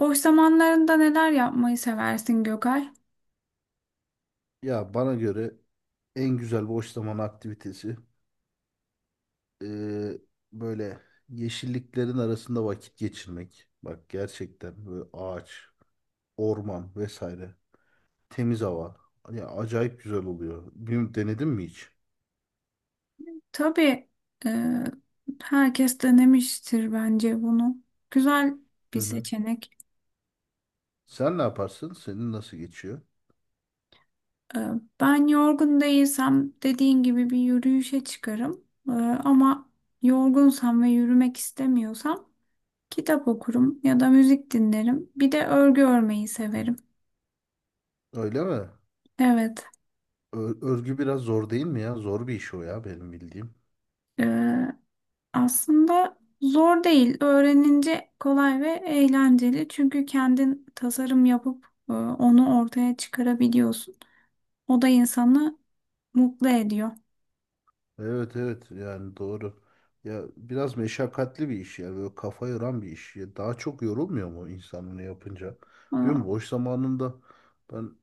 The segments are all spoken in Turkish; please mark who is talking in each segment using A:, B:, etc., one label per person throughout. A: Boş zamanlarında neler yapmayı seversin Gökay?
B: Ya bana göre en güzel boş zaman aktivitesi eee, böyle yeşilliklerin arasında vakit geçirmek. Bak gerçekten böyle ağaç, orman vesaire, temiz hava. Ya acayip güzel oluyor. Bilmiyorum, denedin mi hiç?
A: Tabii e, herkes denemiştir bence bunu. Güzel
B: Hı
A: bir
B: hı.
A: seçenek.
B: Sen ne yaparsın? Senin nasıl geçiyor?
A: E, Ben yorgun değilsem dediğin gibi bir yürüyüşe çıkarım. Ama yorgunsam ve yürümek istemiyorsam kitap okurum ya da müzik dinlerim. Bir de örgü örmeyi severim.
B: Öyle mi?
A: Evet.
B: Örgü biraz zor değil mi ya? Zor bir iş o ya, benim bildiğim.
A: e, Aslında zor değil. Öğrenince kolay ve eğlenceli. Çünkü kendin tasarım yapıp onu ortaya çıkarabiliyorsun. O da insanı mutlu ediyor.
B: Evet evet, yani doğru. Ya biraz meşakkatli bir iş ya, böyle kafa yoran bir iş. Ya daha çok yorulmuyor mu insan bunu yapınca? Bilmiyorum,
A: E,
B: boş zamanında ben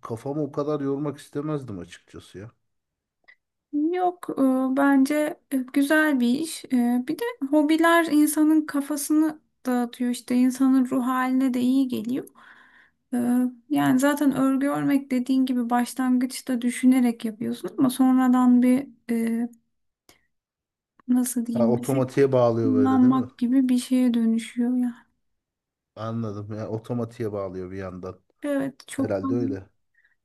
B: kafamı o kadar yormak istemezdim açıkçası ya.
A: Yok, bence güzel bir iş. Bir de hobiler insanın kafasını dağıtıyor, işte insanın ruh haline de iyi geliyor. E, Yani zaten örgü örmek dediğin gibi başlangıçta düşünerek yapıyorsun, ama sonradan bir, nasıl
B: Ha,
A: diyeyim, bisiklet
B: otomatiğe bağlıyor böyle, değil mi?
A: kullanmak gibi bir şeye dönüşüyor yani.
B: Anladım, ya otomatiğe bağlıyor bir yandan.
A: Evet,
B: Herhalde öyle.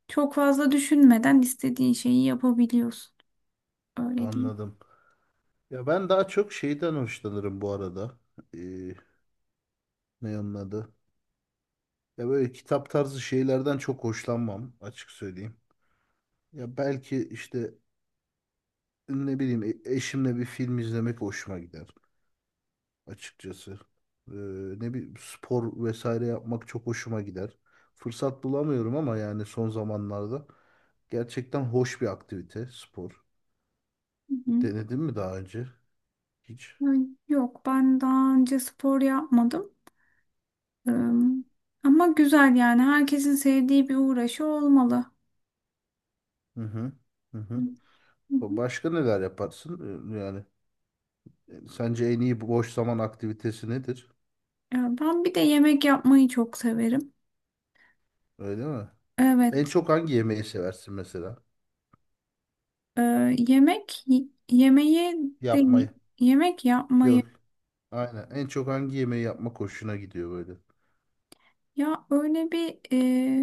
A: çok fazla düşünmeden istediğin şeyi yapabiliyorsun. Öyle diyeyim.
B: Anladım. Ya ben daha çok şeyden hoşlanırım bu arada. Ee, ne onun adı? Ya böyle kitap tarzı şeylerden çok hoşlanmam, açık söyleyeyim. Ya belki işte ne bileyim, eşimle bir film izlemek hoşuma gider açıkçası. Ee, ne bir spor vesaire yapmak çok hoşuma gider. Fırsat bulamıyorum ama, yani son zamanlarda gerçekten hoş bir aktivite spor.
A: Hı hı.
B: Denedin mi daha önce? Hiç.
A: Ay, yok, ben daha önce spor yapmadım. Ee, Ama güzel yani, herkesin sevdiği bir uğraşı olmalı.
B: Hı hı. Hı hı.
A: Hı hı.
B: Başka neler yaparsın? Yani sence en iyi boş zaman aktivitesi nedir?
A: Ya ben bir de yemek yapmayı çok severim.
B: Öyle mi? En
A: Evet,
B: çok hangi yemeği seversin mesela?
A: e, yemek yemeği de
B: Yapmayı.
A: yemek yapmayı.
B: Yok. Aynen. En çok hangi yemeği yapmak hoşuna gidiyor böyle?
A: Ya öyle bir,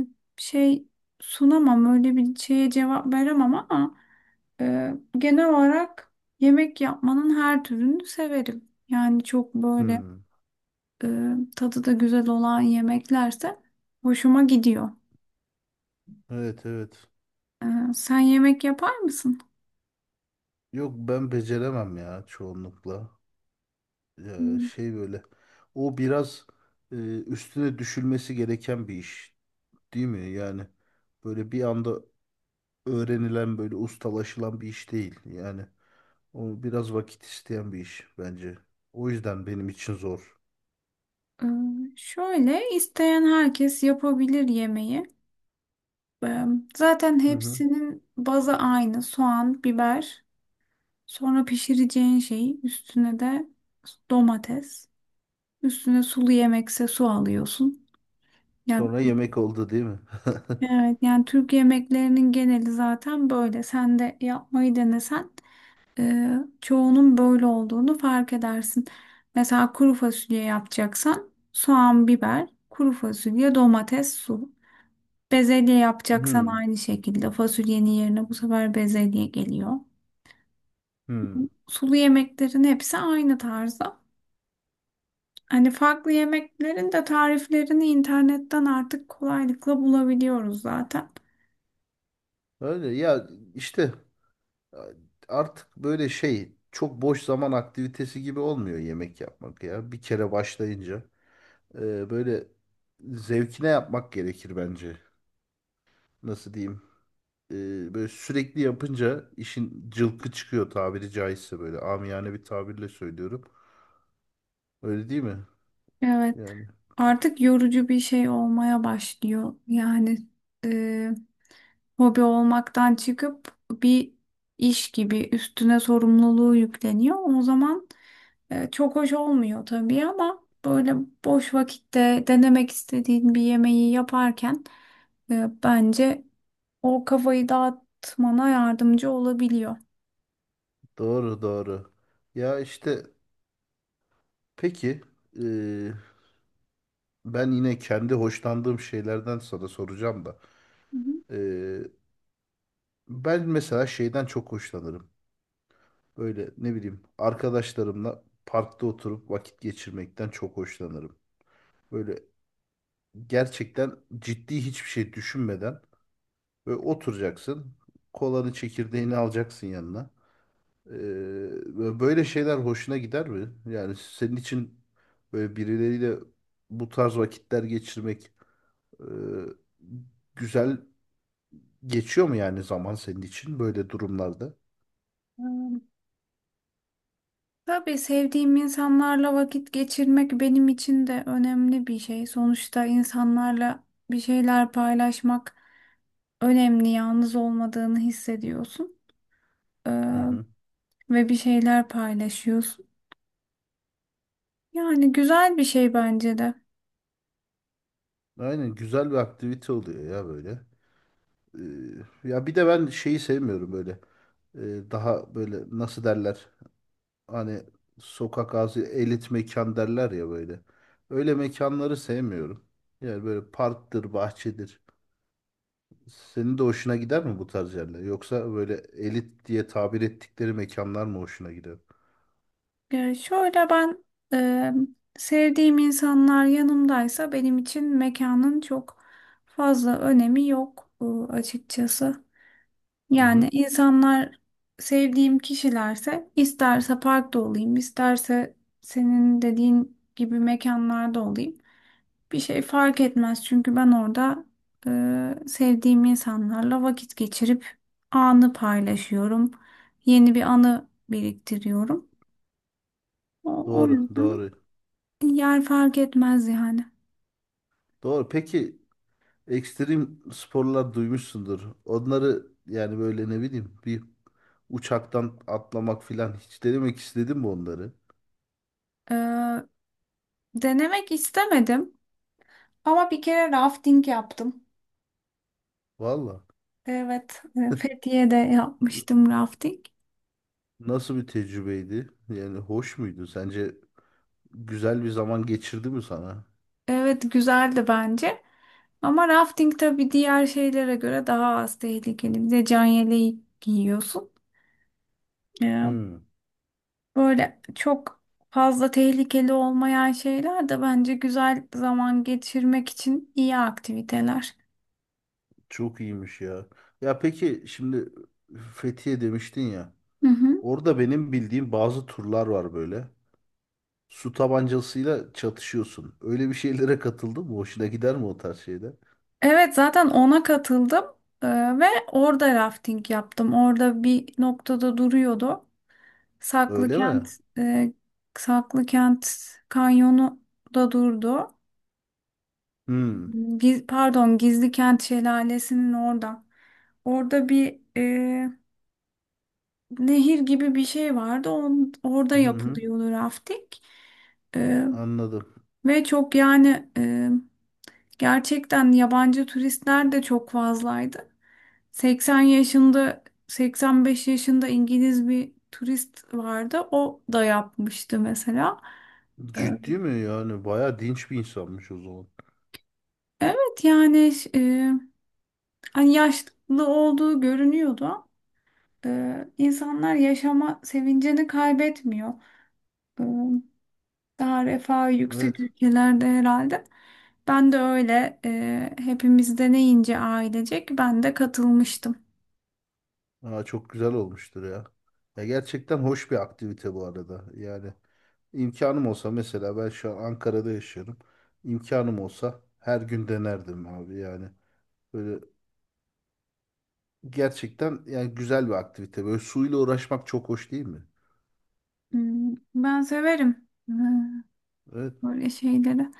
A: e, şey sunamam, öyle bir şeye cevap veremem, ama e, genel olarak yemek yapmanın her türünü severim. Yani çok böyle
B: Hmm.
A: e, tadı da güzel olan yemeklerse hoşuma gidiyor.
B: Evet evet.
A: E, Sen yemek yapar mısın?
B: Yok, ben beceremem ya çoğunlukla.
A: Hmm.
B: Şey böyle. O biraz üstüne düşülmesi gereken bir iş, değil mi? Yani böyle bir anda öğrenilen, böyle ustalaşılan bir iş değil. Yani o biraz vakit isteyen bir iş bence. O yüzden benim için zor.
A: E, Şöyle, isteyen herkes yapabilir yemeği. E, Zaten
B: Hı hı.
A: hepsinin bazı aynı: soğan, biber. Sonra pişireceğin şeyi, üstüne de domates. Üstüne sulu yemekse su alıyorsun. Ya
B: Sonra yemek oldu değil mi?
A: evet, yani Türk yemeklerinin geneli zaten böyle. Sen de yapmayı denesen e, çoğunun böyle olduğunu fark edersin. Mesela kuru fasulye yapacaksan soğan, biber, kuru fasulye, domates, su. Bezelye yapacaksan
B: Hmm,
A: aynı şekilde fasulyenin yerine bu sefer bezelye geliyor.
B: hmm.
A: Sulu yemeklerin hepsi aynı tarzda. Hani farklı yemeklerin de tariflerini internetten artık kolaylıkla bulabiliyoruz zaten.
B: Öyle ya, işte artık böyle şey, çok boş zaman aktivitesi gibi olmuyor yemek yapmak ya. Bir kere başlayınca böyle zevkine yapmak gerekir bence. Nasıl diyeyim? E, böyle sürekli yapınca işin cılkı çıkıyor, tabiri caizse, böyle amiyane bir tabirle söylüyorum. Öyle değil mi?
A: Evet,
B: Yani
A: artık yorucu bir şey olmaya başlıyor. Yani e, hobi olmaktan çıkıp bir iş gibi üstüne sorumluluğu yükleniyor. O zaman çok hoş olmuyor tabii, ama böyle boş vakitte denemek istediğin bir yemeği yaparken bence o kafayı dağıtmana yardımcı olabiliyor.
B: doğru doğru. Ya işte peki, e, ben yine kendi hoşlandığım şeylerden sana soracağım da.
A: Hı hı.
B: E, ben mesela şeyden çok hoşlanırım. Böyle ne bileyim, arkadaşlarımla parkta oturup vakit geçirmekten çok hoşlanırım. Böyle gerçekten ciddi hiçbir şey düşünmeden böyle oturacaksın. Kolanı çekirdeğini alacaksın yanına. Böyle şeyler hoşuna gider mi? Yani senin için böyle birileriyle bu tarz vakitler geçirmek e, güzel geçiyor mu, yani zaman senin için böyle durumlarda?
A: Ee, Tabii sevdiğim insanlarla vakit geçirmek benim için de önemli bir şey. Sonuçta insanlarla bir şeyler paylaşmak önemli. Yalnız olmadığını hissediyorsun. Ee,
B: Hı hı.
A: Ve bir şeyler paylaşıyorsun. Yani güzel bir şey bence de.
B: Aynen, güzel bir aktivite oluyor ya böyle. Ya bir de ben şeyi sevmiyorum böyle. Daha böyle nasıl derler? Hani sokak ağzı elit mekan derler ya böyle. Öyle mekanları sevmiyorum. Yani böyle parktır, bahçedir. Senin de hoşuna gider mi bu tarz yerler? Yoksa böyle elit diye tabir ettikleri mekanlar mı hoşuna gider?
A: Şöyle, ben sevdiğim insanlar yanımdaysa benim için mekanın çok fazla önemi yok açıkçası.
B: Hı hı.
A: Yani insanlar sevdiğim kişilerse, isterse parkta olayım, isterse senin dediğin gibi mekanlarda olayım. Bir şey fark etmez, çünkü ben orada sevdiğim insanlarla vakit geçirip anı paylaşıyorum. Yeni bir anı biriktiriyorum. O, o
B: Doğru,
A: yüzden
B: doğru.
A: yer fark etmez yani.
B: Doğru. Peki, ekstrem sporlar duymuşsundur. Onları, yani böyle ne bileyim, bir uçaktan atlamak filan hiç denemek istedim mi onları?
A: E, Denemek istemedim, ama bir kere rafting yaptım.
B: Valla.
A: Evet, Fethiye'de yapmıştım rafting.
B: Nasıl bir tecrübeydi? Yani hoş muydu? Sence güzel bir zaman geçirdi mi sana?
A: Evet, güzeldi bence. Ama rafting tabii diğer şeylere göre daha az tehlikeli. Bir de can yeleği giyiyorsun. Ee,
B: Hmm,
A: Böyle çok fazla tehlikeli olmayan şeyler de bence güzel zaman geçirmek için iyi aktiviteler.
B: çok iyiymiş ya. Ya peki şimdi Fethiye demiştin ya.
A: Hı hı.
B: Orada benim bildiğim bazı turlar var böyle. Su tabancasıyla çatışıyorsun. Öyle bir şeylere katıldın mı? Hoşuna gider mi o tarz şeyler?
A: Evet, zaten ona katıldım Ee, ve orada rafting yaptım. Orada bir noktada duruyordu. Saklı
B: Öyle mi?
A: Kent e, Saklı Kent Kanyonu da durdu.
B: Hmm.
A: Pardon, Gizli Kent Şelalesi'nin orada. Orada bir nehir gibi bir şey vardı. Orada
B: Hı hı.
A: yapılıyordu rafting. E,
B: Anladım.
A: Ve çok yani gerçekten yabancı turistler de çok fazlaydı. 80 yaşında, 85 yaşında İngiliz bir turist vardı. O da yapmıştı mesela. E,
B: Ciddi mi yani? Bayağı dinç bir insanmış o zaman.
A: Evet yani, hani yaşlı olduğu görünüyordu. İnsanlar yaşama sevincini kaybetmiyor. Ee, Daha refah yüksek
B: Evet.
A: ülkelerde herhalde. Ben de öyle, hepimiz deneyince ailecek ben de katılmıştım.
B: Aa, çok güzel olmuştur ya. Ya gerçekten hoş bir aktivite bu arada. Yani imkanım olsa, mesela ben şu an Ankara'da yaşıyorum. İmkanım olsa her gün denerdim abi yani. Böyle gerçekten yani güzel bir aktivite. Böyle suyla uğraşmak çok hoş değil mi?
A: Hmm, ben severim,
B: Evet.
A: böyle şeyleri.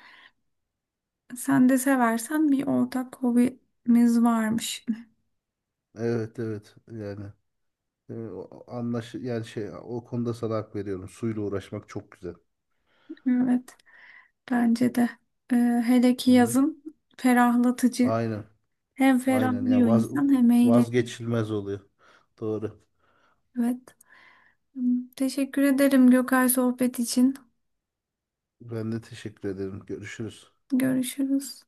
A: Sen de seversen bir ortak hobimiz varmış.
B: Evet evet yani. Anlaş yani şey, o konuda sana hak veriyorum. Suyla uğraşmak çok güzel.
A: Evet, bence de. Ee, Hele
B: Hı
A: ki
B: hı.
A: yazın ferahlatıcı.
B: Aynen.
A: Hem
B: Aynen ya,
A: ferahlıyor insan hem eğleniyor.
B: vazgeçilmez oluyor. Doğru.
A: Evet. Tamam. Teşekkür ederim Gökay, sohbet için.
B: Ben de teşekkür ederim. Görüşürüz.
A: Görüşürüz.